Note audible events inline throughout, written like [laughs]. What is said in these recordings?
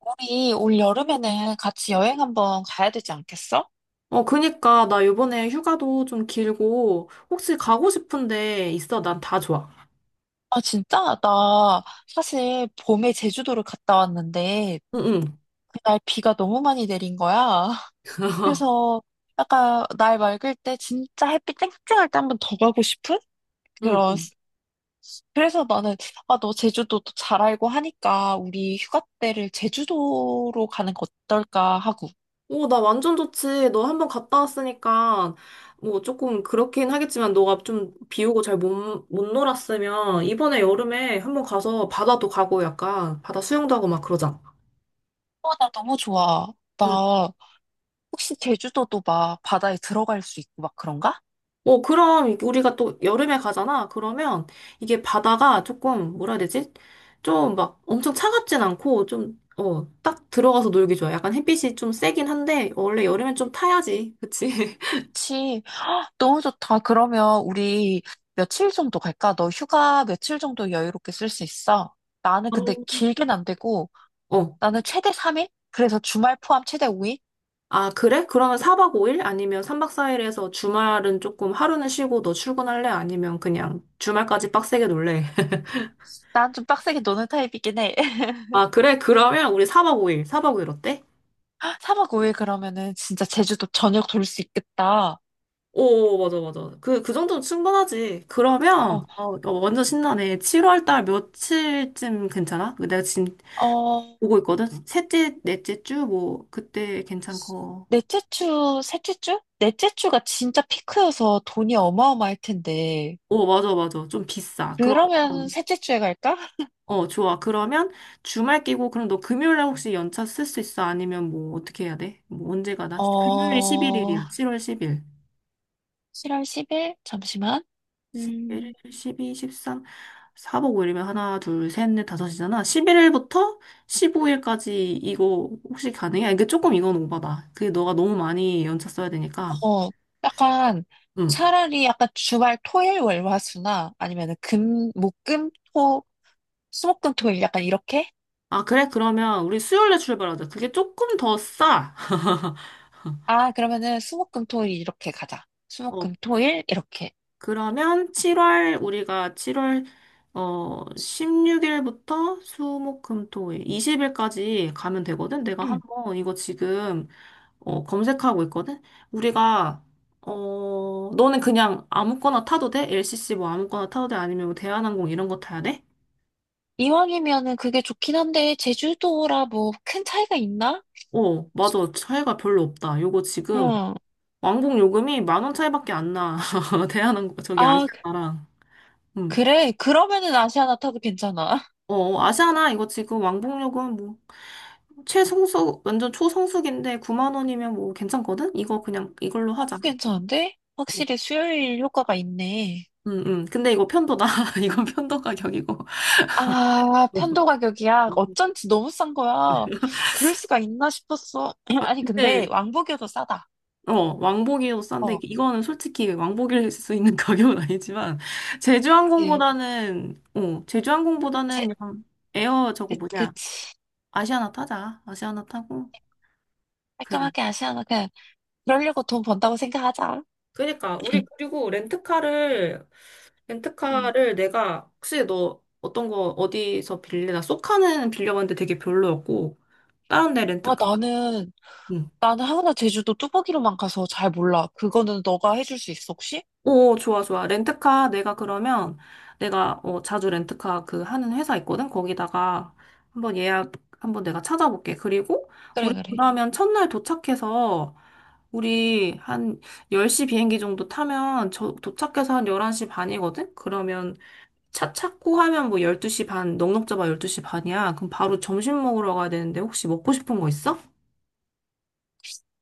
우리 올 여름에는 같이 여행 한번 가야 되지 않겠어? 어, 그니까, 나 요번에 휴가도 좀 길고, 혹시 가고 싶은데 있어? 난 다 좋아. 아, 진짜? 나 사실 봄에 제주도를 갔다 왔는데 응, 응, 그날 비가 너무 많이 내린 거야. [laughs] [laughs] 그래서 약간 날 맑을 때 진짜 햇빛 쨍쨍할 때 한번 더 가고 싶은? 그런. 응. 그래서 나는 아, 너 제주도도 잘 알고 하니까 우리 휴가 때를 제주도로 가는 거 어떨까 하고. 오, 나 완전 좋지. 너 한 번 갔다 왔으니까, 뭐, 조금 그렇긴 하겠지만, 너가 좀 비 오고 잘 못 놀았으면, 이번에 여름에 한 번 가서 바다도 가고, 약간, 바다 수영도 하고 막 그러자. 어, 나 너무 좋아. 나 혹시 제주도도 막 바다에 들어갈 수 있고 막 그런가? 어, 그럼 이게 우리가 또 여름에 가잖아. 그러면 이게 바다가 조금 뭐라 해야 되지? 좀 막 엄청 차갑진 않고 좀, 어, 딱 들어가서 놀기 좋아. 약간 햇빛이 좀 세긴 한데 원래 여름엔 좀 타야지. 그치? [laughs] 그치. 너무 좋다. 그러면 우리 며칠 정도 갈까? 너 휴가 며칠 정도 여유롭게 쓸 수 있어? 나는 근데 음. 길게는 안 되고, 어. 나는 최대 3일? 그래서 주말 포함 최대 5일? 아, 그래? 그러면 4박 5일 아니면 3박 4일에서 주말은 조금 하루는 쉬고 너 출근할래? 아니면 그냥 주말까지 빡세게 놀래? [laughs] 난 좀 빡세게 노는 타입이긴 해. [laughs] 아, 그래? 그러면 우리 4박 5일, 4박 5일 어때? 3박 5일 그러면은 진짜 제주도 전역 돌 수 있겠다. 오, 맞아, 맞아. 그, 그 정도면 충분하지. 그러면, 어, 어, 어, 완전 신나네. 7월 달 며칠쯤 괜찮아? 그 내가 지금 어, 보고 있거든? 셋째, 넷째 주, 뭐, 그때 괜찮고. 넷째 주, 셋째 주? 넷째 주가 진짜 피크여서 돈이 어마어마할 텐데. 오, 맞아, 맞아. 좀 비싸. 그러면 그러면, 셋째 주에 갈까? 어, 좋아. 그러면 주말 끼고, 그럼 너 금요일에 혹시 연차 쓸 수 있어? 아니면 뭐, 어떻게 해야 돼? 뭐, 언제 가나? 금요일이 어, 11일이야. 7월 10일. 7월 10일? 잠시만. 음. 11일, 12, 13, 4박 5일이면 하나, 둘, 셋, 넷, 다섯이잖아. 11일부터 15일까지 이거 혹시 가능해? 아, 이게 조금 이건 오바다. 그게 너가 너무 많이 연차 써야 되니까. 어, 약간 응. 차라리 약간 주말 토일 월화수나 아니면은 금, 목, 금, 토, 수목금 토일 약간 이렇게? 아, 그래? 그러면 우리 수요일에 출발하자. 그게 조금 더 싸. 아, 그러면은 수목금 토일 이렇게 가자. 어, 수목금 토일 이렇게. 그러면 7월, 우리가 7월, 어, 16일부터 수, 목, 금, 토, 일, 20일까지 가면 되거든? 내가 응. 한번 이거 지금 어, 검색하고 있거든? 우리가, 어, 너는 그냥 아무거나 타도 돼? LCC 뭐 아무거나 타도 돼? 아니면 뭐 대한항공 이런 거 타야 돼? 이왕이면은 그게 좋긴 한데 제주도라 뭐 큰 차이가 있나? 어, 맞아. 차이가 별로 없다. 요거 지금 응. 왕복 요금이 만 원 차이밖에 안 나. [laughs] 대한항공, 저기 아, 아시아나랑. 음. 그래. 그러면은 아시아나 타도 괜찮아. 어, 아시아나 이거 지금 왕복 요금 뭐 최성수, 완전 초성수기인데 9만 원이면 뭐 괜찮거든? 이거 그냥 이걸로 하자. [laughs] 괜찮은데? 어. 확실히 수요일 효과가 있네. 근데 이거 편도다. [laughs] 이건 편도 가격이고. 아, 편도 [laughs] 가격이야. 어쩐지 너무 싼 거야. 그럴 수가 있나 싶었어. [laughs] [clears throat] 아니, 근데 근데 왕복이 더 싸다. 어, 왕복이어도 싼데, 어, 이거는 솔직히 왕복일 수 있는 [laughs] 가격은 아니지만, 그치, 그치. 제주항공보다는, 어, 제, 제주항공보다는 그냥 에어 저거 뭐냐, 그치. 아시아나 타자. 아시아나 타고, 그래. 깔끔하게 아시아나 그냥 그러려고 돈 번다고 생각하자. 그니까 우리 [laughs] 그리고 렌트카를 [clears throat] 음. 렌트카를 내가 혹시 너 어떤 거 어디서 빌려? 나 쏘카는 빌려봤는데 되게 별로였고, 다른 데 아, 렌트카. 나는 하우나 제주도 뚜벅이로만 가서 잘 몰라. 그거는 너가 해줄 수 있어, 혹시? 오, 좋아, 좋아. 렌트카 내가 그러면 내가 어, 자주 렌트카 그 하는 회사 있거든. 거기다가 한번 예약 한번 내가 찾아볼게. 그리고 그래, 우리 그래. 그러면 첫날 도착해서 우리 한 10시 비행기 정도 타면 저 도착해서 한 11시 반이거든. 그러면 차 찾고 하면 뭐 12시 반, 넉넉 잡아 12시 반이야. 그럼 바로 점심 먹으러 가야 되는데 혹시 먹고 싶은 거 있어?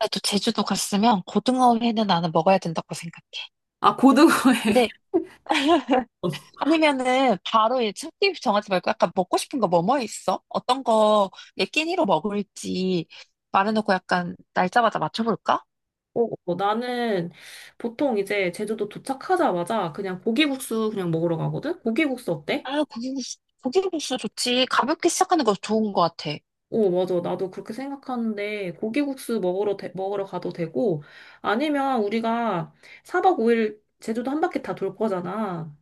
나도 제주도 갔으면 고등어 회는 나는 먹어야 된다고 생각해. 아, 고등어회. 근데 [laughs] 아니면은 바로 이 참기 정하지 말고 약간 먹고 싶은 거 뭐뭐 있어? 어떤 거 얘 끼니로 먹을지 말해놓고 약간 날짜마다 맞춰볼까? 어, 어, 나는 보통 이제 제주도 도착하자마자 그냥 고기국수 그냥 먹으러 가거든? 고기국수 어때? 아, 고기국수, 고기국수 좋지. 가볍게 시작하는 거 좋은 것 같아. 오 맞아. 나도 그렇게 생각하는데 고기국수 먹으러 가도 되고 아니면 우리가 4박 5일 제주도 한 바퀴 다 돌 거잖아.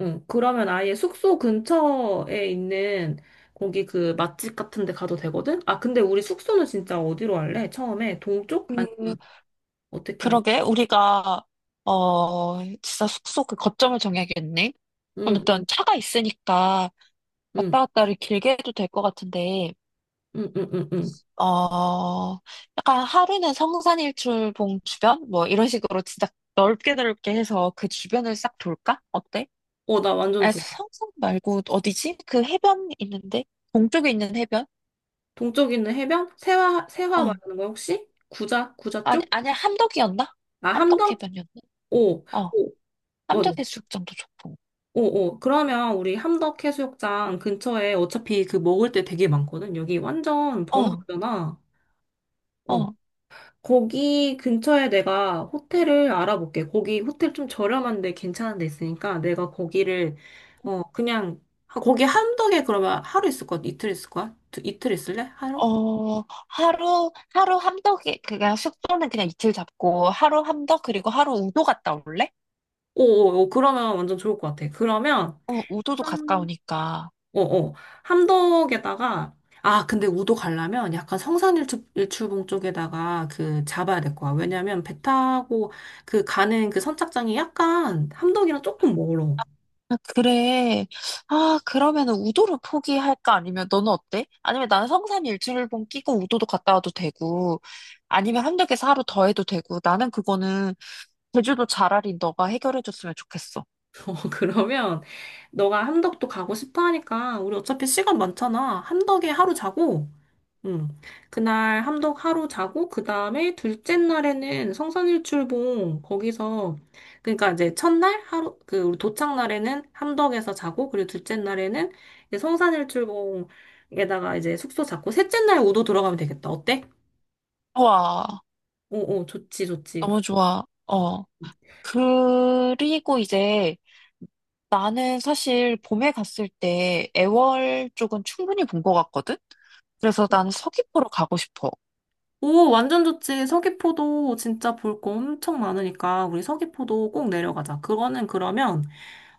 응, 그러면 아예 숙소 근처에 있는 거기 그 맛집 같은 데 가도 되거든? 아, 근데 우리 숙소는 진짜 어디로 할래? 처음에 동쪽? 아니면 그, 어떻게 할래? 그러게 우리가 진짜 숙소 그 거점을 정해야겠네. 그럼 응, 일단 응, 차가 있으니까 응, 왔다 갔다를 길게 해도 될 것 같은데 응, 응, 응, 응. 어, 약간 하루는 성산일출봉 주변? 뭐 이런 식으로 진짜 넓게 넓게 해서 그 주변을 싹 돌까? 어때? 어, 나 완전 아, 좋아. 성산 말고 어디지? 그 해변 있는데? 동쪽에 있는 해변? 동쪽에 있는 해변? 세화, 세화 어. 말하는 거야, 혹시? 구자? 구자 아니, 쪽? 아니, 함덕이었나? 아, 함덕 함덕? 해변이었나? 오, 어. 오, 맞아. 함덕 해수욕장도 좋고. 오, 오. 그러면 우리 함덕 해수욕장 근처에 어차피 그 먹을 때 되게 많거든. 여기 완전 어, 번화가잖아. 어. 어. 거기 근처에 내가 호텔을 알아볼게. 거기 호텔 좀 저렴한데 괜찮은 데 있으니까 내가 거기를, 어, 그냥, 거기 함덕에 그러면 하루 있을 거야? 이틀 있을 거야? 이틀 있을래? 하루? 어, 하루 함덕에, 그냥 숙소는 그냥 이틀 잡고, 하루 함덕, 그리고 하루 우도 갔다 올래? 오, 오, 오. 그러면 완전 좋을 것 같아. 그러면, 어, 우도도 가까우니까. 어, 어. 함덕에다가, 아, 근데 우도 가려면 약간 성산일출봉 쪽에다가 그 잡아야 될 거야. 왜냐면 배 타고 그 가는 그 선착장이 약간 함덕이랑 조금 멀어. [laughs] 아, 그래. 아, 그러면은 우도를 포기할까? 아니면 너는 어때? 아니면 나는 성산 일출봉 끼고 우도도 갔다 와도 되고, 아니면 함덕에서 하루 더 해도 되고, 나는 그거는 제주도 차라리 너가 해결해줬으면 좋겠어. 어, 그러면 너가 함덕도 가고 싶어 하니까 우리 어차피 시간 많잖아. 함덕에 하루 자고 음. 그날 함덕 하루 자고, 그 다음에 둘째 날에는 성산일출봉, 거기서, 그러니까 이제 첫날 하루, 그, 우리 도착 날에는 함덕에서 자고, 그리고 둘째 날에는 이제 성산일출봉에다가 이제 숙소 잡고, 셋째 날 우도 들어가면 되겠다. 어때? 좋아. 오, 오, 좋지, 좋지. 너무 좋아. 어. 그리고 이제 나는 사실 봄에 갔을 때 애월 쪽은 충분히 본 것 같거든? 그래서 나는 서귀포로 가고 싶어. 오, 완전 좋지. 서귀포도 진짜 볼 거 엄청 많으니까, 우리 서귀포도 꼭 내려가자. 그거는 그러면,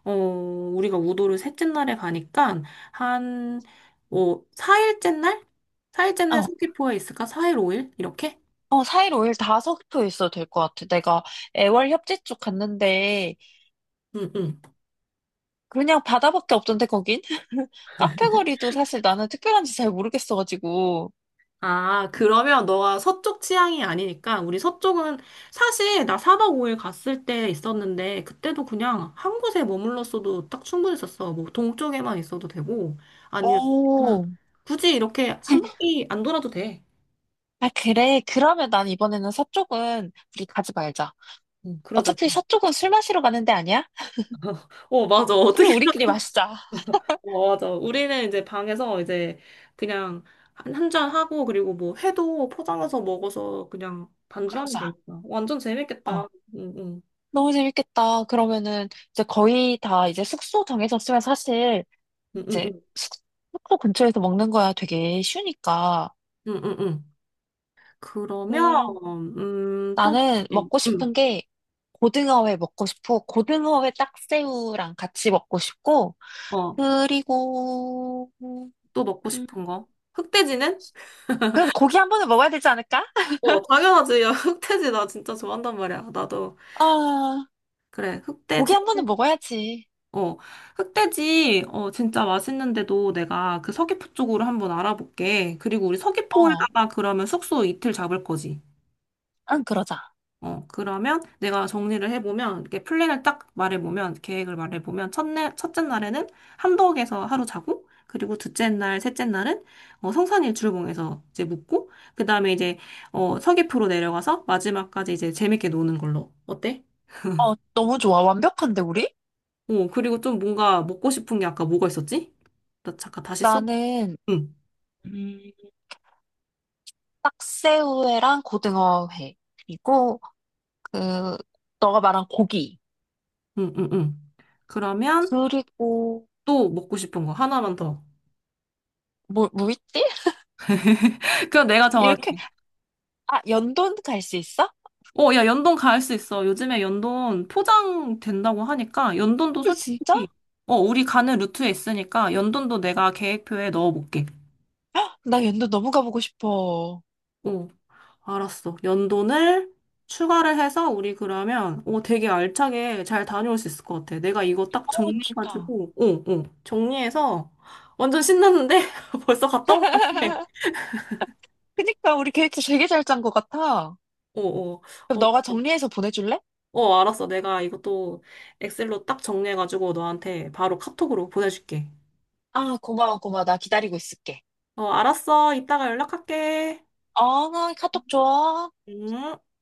어, 우리가 우도를 셋째 날에 가니까, 한, 뭐, 4일째 날? 4일째 날 어. 서귀포에 있을까? 4일, 5일? 이렇게? 어, 4일 5일 다섞에 있어도 될 것 같아. 내가 애월 협재 쪽 갔는데 응, 응. 그냥 바다밖에 없던데 거긴? [laughs] 카페 거리도 사실 나는 특별한지 잘 모르겠어가지고. 아, 그러면 너가 서쪽 취향이 아니니까, 우리 서쪽은, 사실 나 4박 5일 갔을 때 있었는데, 그때도 그냥 한 곳에 머물렀어도 딱 충분했었어. 뭐, 동쪽에만 있어도 되고, 아니면, 나 오. 굳이 이렇게 한 바퀴 안 돌아도 돼. 아, 그래. 그러면 난 이번에는 서쪽은 우리 가지 말자. 응, 그러자. 어차피 서쪽은 술 마시러 가는 데 아니야? 어, 맞아. 술을 우리끼리 마시자. 어, 맞아. 우리는 이제 방에서 이제 그냥 한 잔 하고 그리고 뭐 회도 포장해서 먹어서 그냥 반주하면 그러자. 되니까. 완전 재밌겠다. 어. 응, 응, 너무 재밌겠다. 그러면은 이제 거의 다 이제 숙소 정해졌으면 사실 응, 응, 이제 응, 숙- 숙소 근처에서 먹는 거야 되게 쉬우니까. 응, 응. 응. 그러면, 또, 나는 먹고 응, 싶은 게 고등어회 먹고 싶어. 고등어회 딱새우랑 같이 먹고 싶고, 어, 그리고, 또 먹고 음, 싶은 거. 흑돼지는? 그럼 고기 한 번은 먹어야 되지 않을까? 어, 당연하지. 야, [laughs] 흑돼지 나 진짜 좋아한단 말이야. 나도. 아, 그래, 고기 흑돼지. 한 번은 먹어야지. 어, 흑돼지, 어, 진짜 맛있는데도 내가 그 서귀포 쪽으로 한번 알아볼게. 그리고 우리 어, 서귀포에다가 그러면 숙소 이틀 잡을 거지. 응, 그러자. 어, 그러면 내가 정리를 해보면, 이렇게 플랜을 딱 말해보면, 계획을 말해보면, 첫날, 첫째 날에는 함덕에서 하루 자고, 그리고 둘째 날, 셋째 날은, 어, 성산일출봉에서 이제 묵고, 그 다음에 이제, 어, 서귀포로 내려가서 마지막까지 이제 재밌게 노는 걸로. 어때? 어, 너무 좋아. 완벽한데, 우리? 어, 그리고 좀 뭔가 먹고 싶은 게 아까 뭐가 있었지? 나 잠깐 다시 써. 나는, 응. 음, 딱새우회랑 고등어회, 그리고, 그, 너가 말한 고기, 응, 응, 응. 그러면 그리고, 또 먹고 싶은 거 하나만 더. 뭐 있지? [laughs] [laughs] 그럼 내가 이렇게, 정할게. 아, 연돈 갈 수 있어? 어, 야, 연돈 갈 수 있어. 요즘에 연돈 포장 된다고 하니까 연돈도 어, 진짜? 솔직히 어, 우리 가는 루트에 있으니까 연돈도 내가 계획표에 넣어볼게. 나 연도 너무 가보고 싶어. 어, 알았어. 연돈을 추가를 해서 우리 그러면 어, 되게 알차게 잘 다녀올 수 있을 것 같아. 내가 이거 딱 어, 좋다. 정리해가지고 정리해서 완전 신났는데 [laughs] 벌써 갔다 온 것 같아. [laughs] 그니까 우리 계획도 되게 잘 짠 것 같아. 어, 어. 그럼 어, 너가 정리해서 보내줄래? 알았어. 내가 이것도 엑셀로 딱 정리해가지고 너한테 바로 카톡으로 보내줄게. 아, 고마워, 고마워. 나 기다리고 있을게. 어, 알았어. 이따가 연락할게. 어, 카톡 줘. 응?